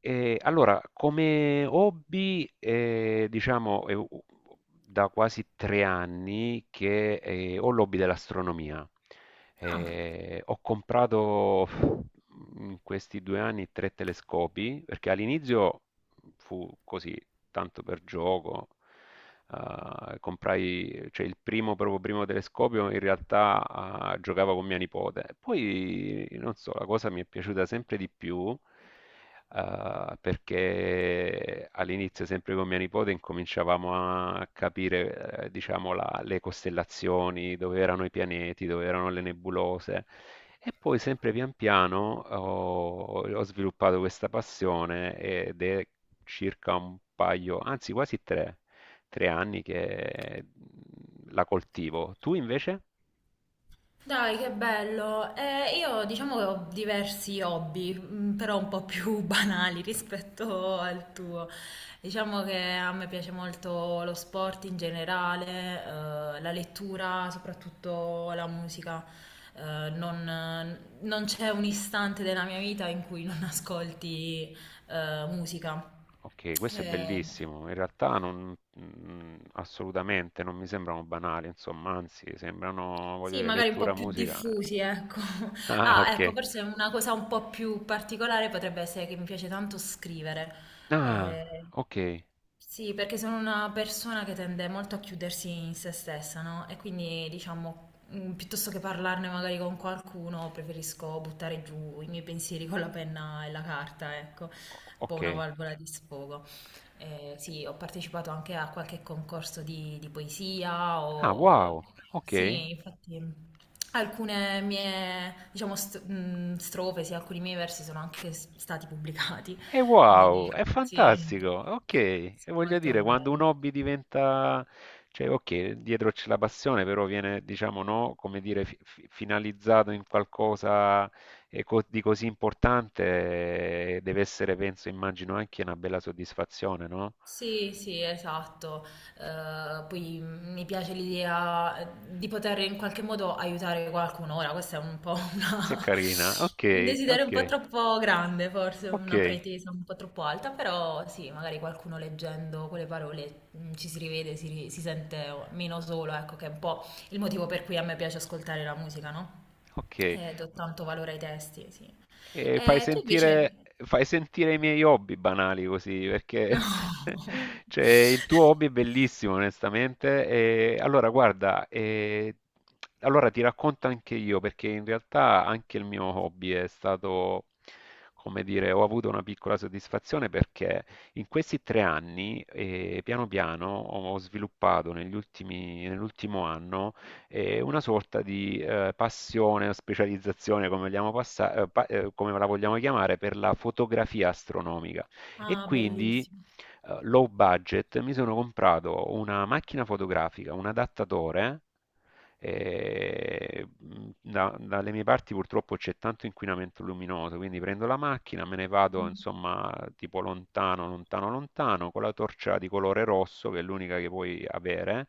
Allora, come hobby, diciamo è u u da quasi 3 anni che, ho l'hobby dell'astronomia. Ah, Ho comprato in questi 2 anni 3 telescopi, perché all'inizio fu così, tanto per gioco, comprai, cioè il primo, proprio primo telescopio, in realtà, giocavo con mia nipote. Poi, non so, la cosa mi è piaciuta sempre di più, perché all'inizio, sempre con mia nipote, incominciavamo a capire, diciamo, le costellazioni, dove erano i pianeti, dove erano le nebulose. E poi, sempre pian piano, ho sviluppato questa passione, ed è circa un paio, anzi quasi tre anni che la coltivo. Tu invece? dai, che bello. Io diciamo che ho diversi hobby, però un po' più banali rispetto al tuo. Diciamo che a me piace molto lo sport in generale, la lettura, soprattutto la musica. Non c'è un istante della mia vita in cui non ascolti, musica. Ok, questo è Eh, bellissimo. In realtà non, assolutamente, non mi sembrano banali, insomma, anzi, sembrano, voglio Sì, dire, magari un po' lettura, più musica. Eh. diffusi, ecco. Ah, Ah, ok. ecco, forse una cosa un po' più particolare potrebbe essere che mi piace tanto scrivere. Ah, Eh, ok. sì, perché sono una persona che tende molto a chiudersi in se stessa, no? E quindi, diciamo, piuttosto che parlarne magari con qualcuno, preferisco buttare giù i miei pensieri con la penna e la carta, ecco, un po' una Ok. valvola di sfogo. Sì, ho partecipato anche a qualche concorso di poesia Ah, o... wow. Ok. Sì, infatti alcune mie, diciamo, strofe, sì, alcuni miei versi sono anche stati pubblicati, E quindi wow, è sì, fantastico. Ok, e sì, voglio molto dire, quando un bello. hobby diventa, cioè, ok, dietro c'è la passione, però viene, diciamo, no, come dire, finalizzato in qualcosa di così importante, deve essere, penso, immagino, anche una bella soddisfazione, no? Sì, sì, esatto. Poi mi piace l'idea di poter in qualche modo aiutare qualcuno. Ora, questo è un po' Che carina. un Ok, desiderio un po' ok, troppo grande, forse una ok. pretesa un po' troppo alta, però sì, magari qualcuno leggendo quelle parole ci si rivede, si sente meno solo, ecco, che è un po' il motivo per cui a me piace ascoltare la musica, no? Ok. Do tanto valore ai testi, sì. E fai Tu sentire, invece... fai sentire i miei hobby banali così, No. perché cioè, il tuo hobby è bellissimo, onestamente. E allora, guarda, allora ti racconto anche io, perché in realtà anche il mio hobby è stato, come dire, ho avuto una piccola soddisfazione, perché in questi 3 anni, piano piano, ho sviluppato nell'ultimo anno e una sorta di passione o specializzazione, come vogliamo come la vogliamo chiamare, per la fotografia astronomica. E Ah, quindi, bellissimo. Low budget, mi sono comprato una macchina fotografica, un adattatore. E dalle mie parti purtroppo c'è tanto inquinamento luminoso, quindi prendo la macchina, me ne vado Mm, insomma tipo lontano, lontano, lontano, con la torcia di colore rosso che è l'unica che puoi avere,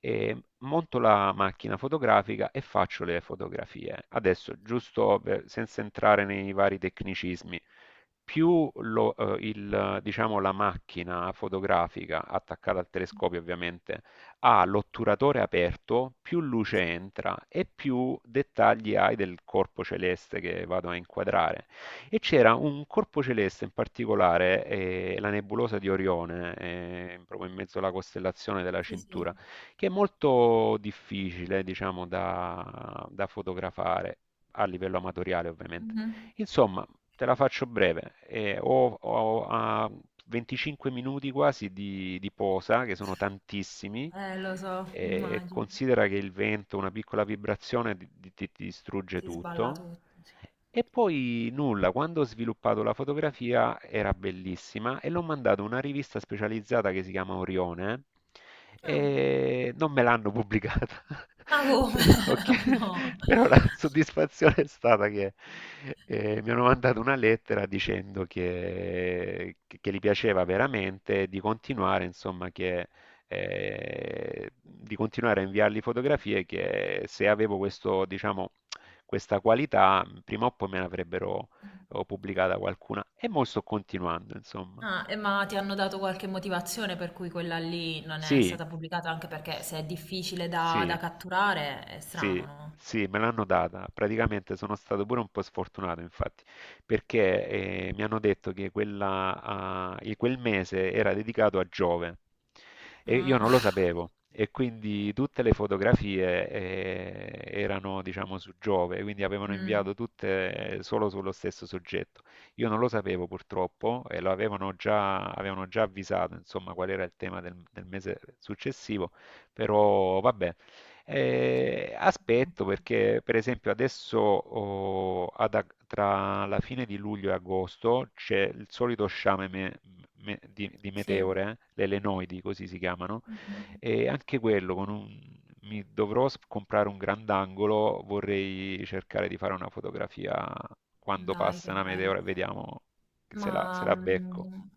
e monto la macchina fotografica e faccio le fotografie. Adesso, giusto senza entrare nei vari tecnicismi, più il, diciamo, la macchina fotografica attaccata al telescopio, ovviamente, ha l'otturatore aperto, più luce entra e più dettagli hai del corpo celeste che vado a inquadrare. E c'era un corpo celeste in particolare, la nebulosa di Orione, proprio in mezzo alla costellazione della sì, sì. Cintura, che è molto difficile, diciamo, da fotografare a livello amatoriale, ovviamente. Mhm. Insomma, te la faccio breve. Ho 25 minuti quasi di posa, che sono tantissimi. Lo so, immagino. Considera che il vento, una piccola vibrazione ti, ti distrugge Si sballa tutto. tutto, sì. E poi nulla, quando ho sviluppato la fotografia era bellissima, e l'ho mandato a una rivista specializzata che si chiama Orione, Ah, e non me l'hanno pubblicata. ma come? Però, che- No. Però la soddisfazione è stata che, mi hanno mandato una lettera dicendo che, gli piaceva veramente, di continuare, insomma, di continuare a inviargli fotografie, che se avevo questo, diciamo, questa qualità, prima o poi me ne avrebbero pubblicata qualcuna, e mo' sto continuando, insomma. Ah, e ma ti hanno dato qualche motivazione per cui quella lì non è Sì, stata pubblicata? Anche perché s- se è difficile da, sì, da catturare è sì, strano, no? sì, me l'hanno data. Praticamente sono stato pure un po' sfortunato, infatti, perché mi hanno detto che quella, ah, e quel mese era dedicato a Giove, e io non lo Ah. sapevo. E quindi tutte le fotografie erano, diciamo, su Giove, quindi avevano Mm. inviato tutte solo sullo stesso soggetto. Io non lo sapevo, purtroppo, e avevano già avvisato, insomma, qual era il tema del mese successivo, però vabbè. Aspetto perché, per esempio, adesso, tra la fine di luglio e agosto c'è il solito sciame di Sì. meteore, le lenoidi, così si chiamano, Mm. e anche quello con mi dovrò comprare un grandangolo, vorrei cercare di fare una fotografia quando Dai, che passa una bello. meteora e vediamo se la se Ma la becco.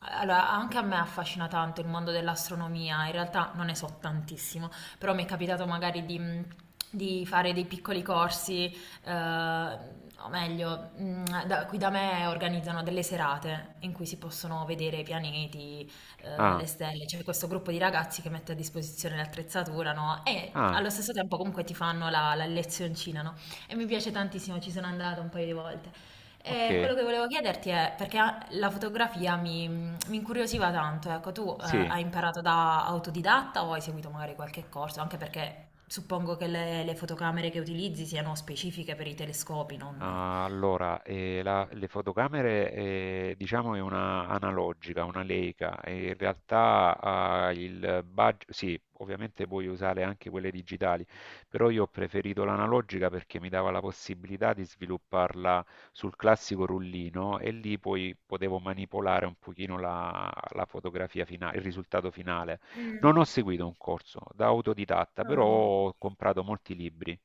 allora, anche a me affascina tanto il mondo dell'astronomia, in realtà non ne so tantissimo, però mi è capitato magari di fare dei piccoli corsi, eh, o meglio, qui da me organizzano delle serate in cui si possono vedere i pianeti, le Ah, stelle, c'è questo gruppo di ragazzi che mette a disposizione l'attrezzatura, no? E ah, allo stesso tempo comunque ti fanno la lezioncina, no? E mi s- piace tantissimo, ci sono andata un paio di volte. ok, E quello che volevo chiederti è, perché la fotografia mi incuriosiva tanto, ecco, tu sì. hai imparato da autodidatta o hai seguito magari qualche corso? Anche perché suppongo che le fotocamere che utilizzi siano specifiche per i telescopi, non... Ah. Allora, le fotocamere, diciamo, è una analogica, una Leica, e in realtà, il budget, sì, ovviamente puoi usare anche quelle digitali, però io ho preferito l'analogica perché mi dava la possibilità di svilupparla sul classico rullino, e lì poi potevo manipolare un pochino la fotografia finale, il risultato finale. Non ho Mm. seguito un corso, da autodidatta, però Ah. ho comprato molti libri,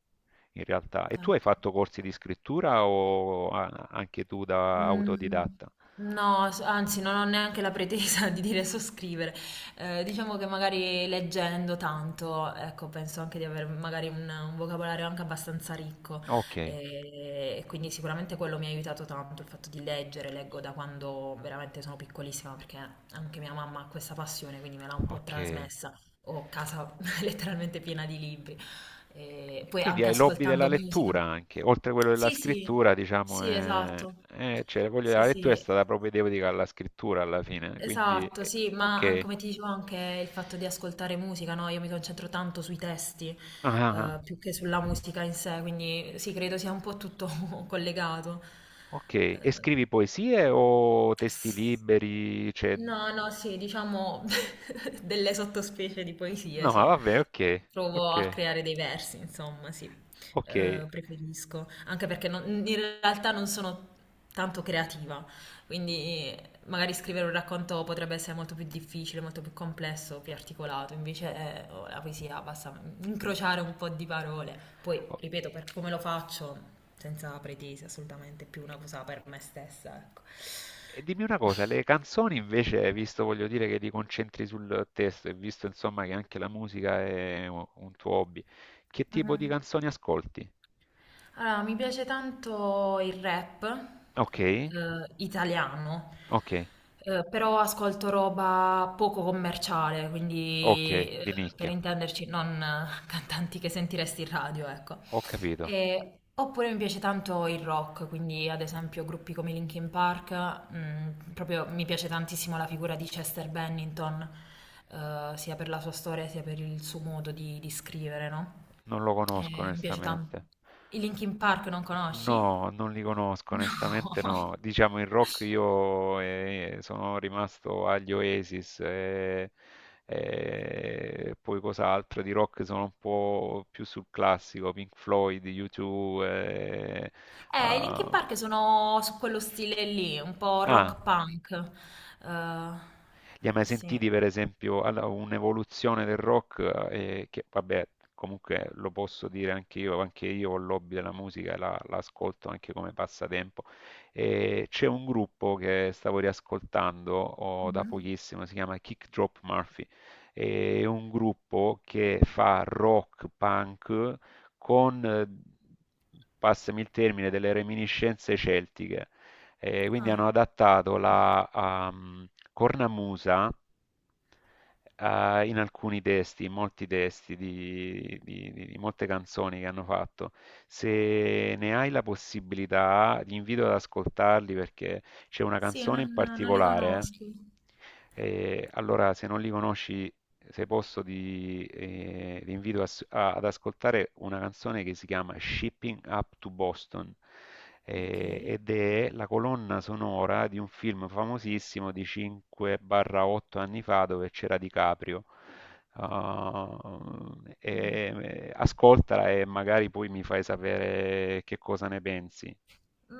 in realtà. E tu hai Ecco. fatto corsi di scrittura, o anche tu da Mm, autodidatta? no, anzi, non ho neanche la pretesa di dire so scrivere. Diciamo che magari leggendo tanto, ecco, penso anche di avere magari un vocabolario anche abbastanza ricco. Ok, E quindi sicuramente quello mi ha aiutato tanto, il fatto di leggere, leggo da quando veramente sono piccolissima, perché anche mia mamma ha questa passione, quindi me l'ha un po' ok. trasmessa. Ho casa letteralmente piena di libri. E poi Quindi anche hai l'hobby della ascoltando musica. lettura anche, oltre a quello della Sì, sì. scrittura, diciamo, Sì, esatto. Cioè, voglio dire, Sì, la lettura è sì, stata propedeutica alla scrittura alla fine, quindi esatto, sì, ma ok. come ti dicevo anche il fatto di ascoltare musica, no? Io mi concentro tanto sui testi, Ah, ah, ah, più che sulla musica in sé, quindi sì, credo sia un po' tutto collegato. ok, e Eh, scrivi poesie o testi liberi? Cioè. no, no, sì, diciamo delle sottospecie di poesie, No, sì. vabbè, ok, Provo a ok, creare dei versi, insomma, sì. ok. Preferisco, anche perché in realtà non sono tanto creativa, quindi magari scrivere un racconto potrebbe essere molto più difficile, molto più complesso, più articolato, invece oh, la poesia basta incrociare un po' di parole. Poi, O- ripeto, per come lo faccio, senza pretese assolutamente, è più una cosa per me stessa, ecco. E dimmi una cosa, le canzoni invece, visto, voglio dire, che ti concentri sul testo, e visto, insomma, che anche la musica è un tuo hobby, che tipo di Mhm. canzoni ascolti? Allora, mi piace tanto il rap Ok, italiano, ok, però ascolto roba poco commerciale, quindi ok, di per nicchia, intenderci non cantanti che sentiresti in radio, ecco. ho capito, Oppure mi piace tanto il rock, quindi ad esempio gruppi come Linkin Park, proprio mi piace tantissimo la figura di Chester Bennington, sia per la sua storia sia per il suo modo di scrivere, no? non lo E conosco, mi piace onestamente. tanto. I Linkin Park non conosci? No, non li conosco, onestamente, no. No. Diciamo in rock io, sono rimasto agli Oasis, e poi cos'altro di rock, sono un po' più sul classico, Pink Floyd, U2. I Linkin ah, Park sono su quello stile lì, un po' ah, rock punk. Eh, Li hai mai sì. sentiti, per esempio, un'evoluzione del rock, che vabbè, comunque lo posso dire anche io ho il l'hobby della musica, e la ascolto anche come passatempo. E c'è un gruppo che stavo riascoltando da Mhm. pochissimo, si chiama Kick Drop Murphy, è un gruppo che fa rock punk con, passami il termine, delle reminiscenze celtiche. E quindi Ah. hanno adattato la cornamusa in alcuni testi, in molti testi di molte canzoni che hanno fatto. Se ne hai la possibilità, ti invito ad ascoltarli, perché c'è una Sì, canzone in non li particolare. conosco. Allora, se non li conosci, se posso, vi invito a ad ascoltare una canzone che si chiama Shipping Up to Boston, Ok. Ed è la colonna sonora di un film famosissimo di 5-8 anni fa dove c'era DiCaprio. Ah, Mm. Ascoltala, e magari poi mi fai sapere che cosa ne pensi.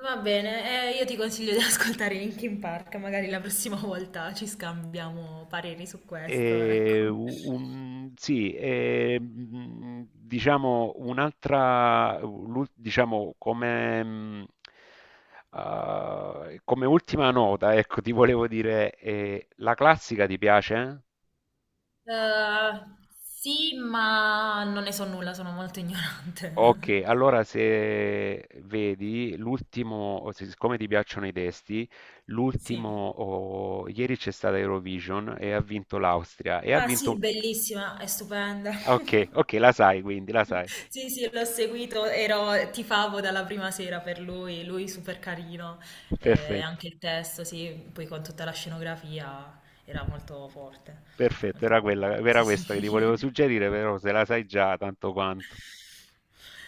Va bene, io ti consiglio di ascoltare Linkin Park, magari la prossima volta ci scambiamo pareri su questo, ecco. E sì, diciamo un'altra, diciamo come, come ultima nota, ecco, ti volevo dire, la classica ti piace? Eh, sì, ma non ne so nulla, sono molto Ok, ignorante. allora se vedi l'ultimo, o se- siccome ti piacciono i testi, l'ultimo, Sì. Ieri c'è stata Eurovision e ha vinto l'Austria, e ha Ah vinto un. sì, bellissima, è stupenda. Ok, ok, la sai quindi, la sai. Sì, sì, l'ho seguito, ero, tifavo dalla prima sera per lui, lui super carino, Perfetto. anche il testo, sì, poi con tutta la scenografia era molto forte, Perfetto, molto potente. era Sì, questa che ti volevo sì. suggerire, però se la sai già tanto quanto.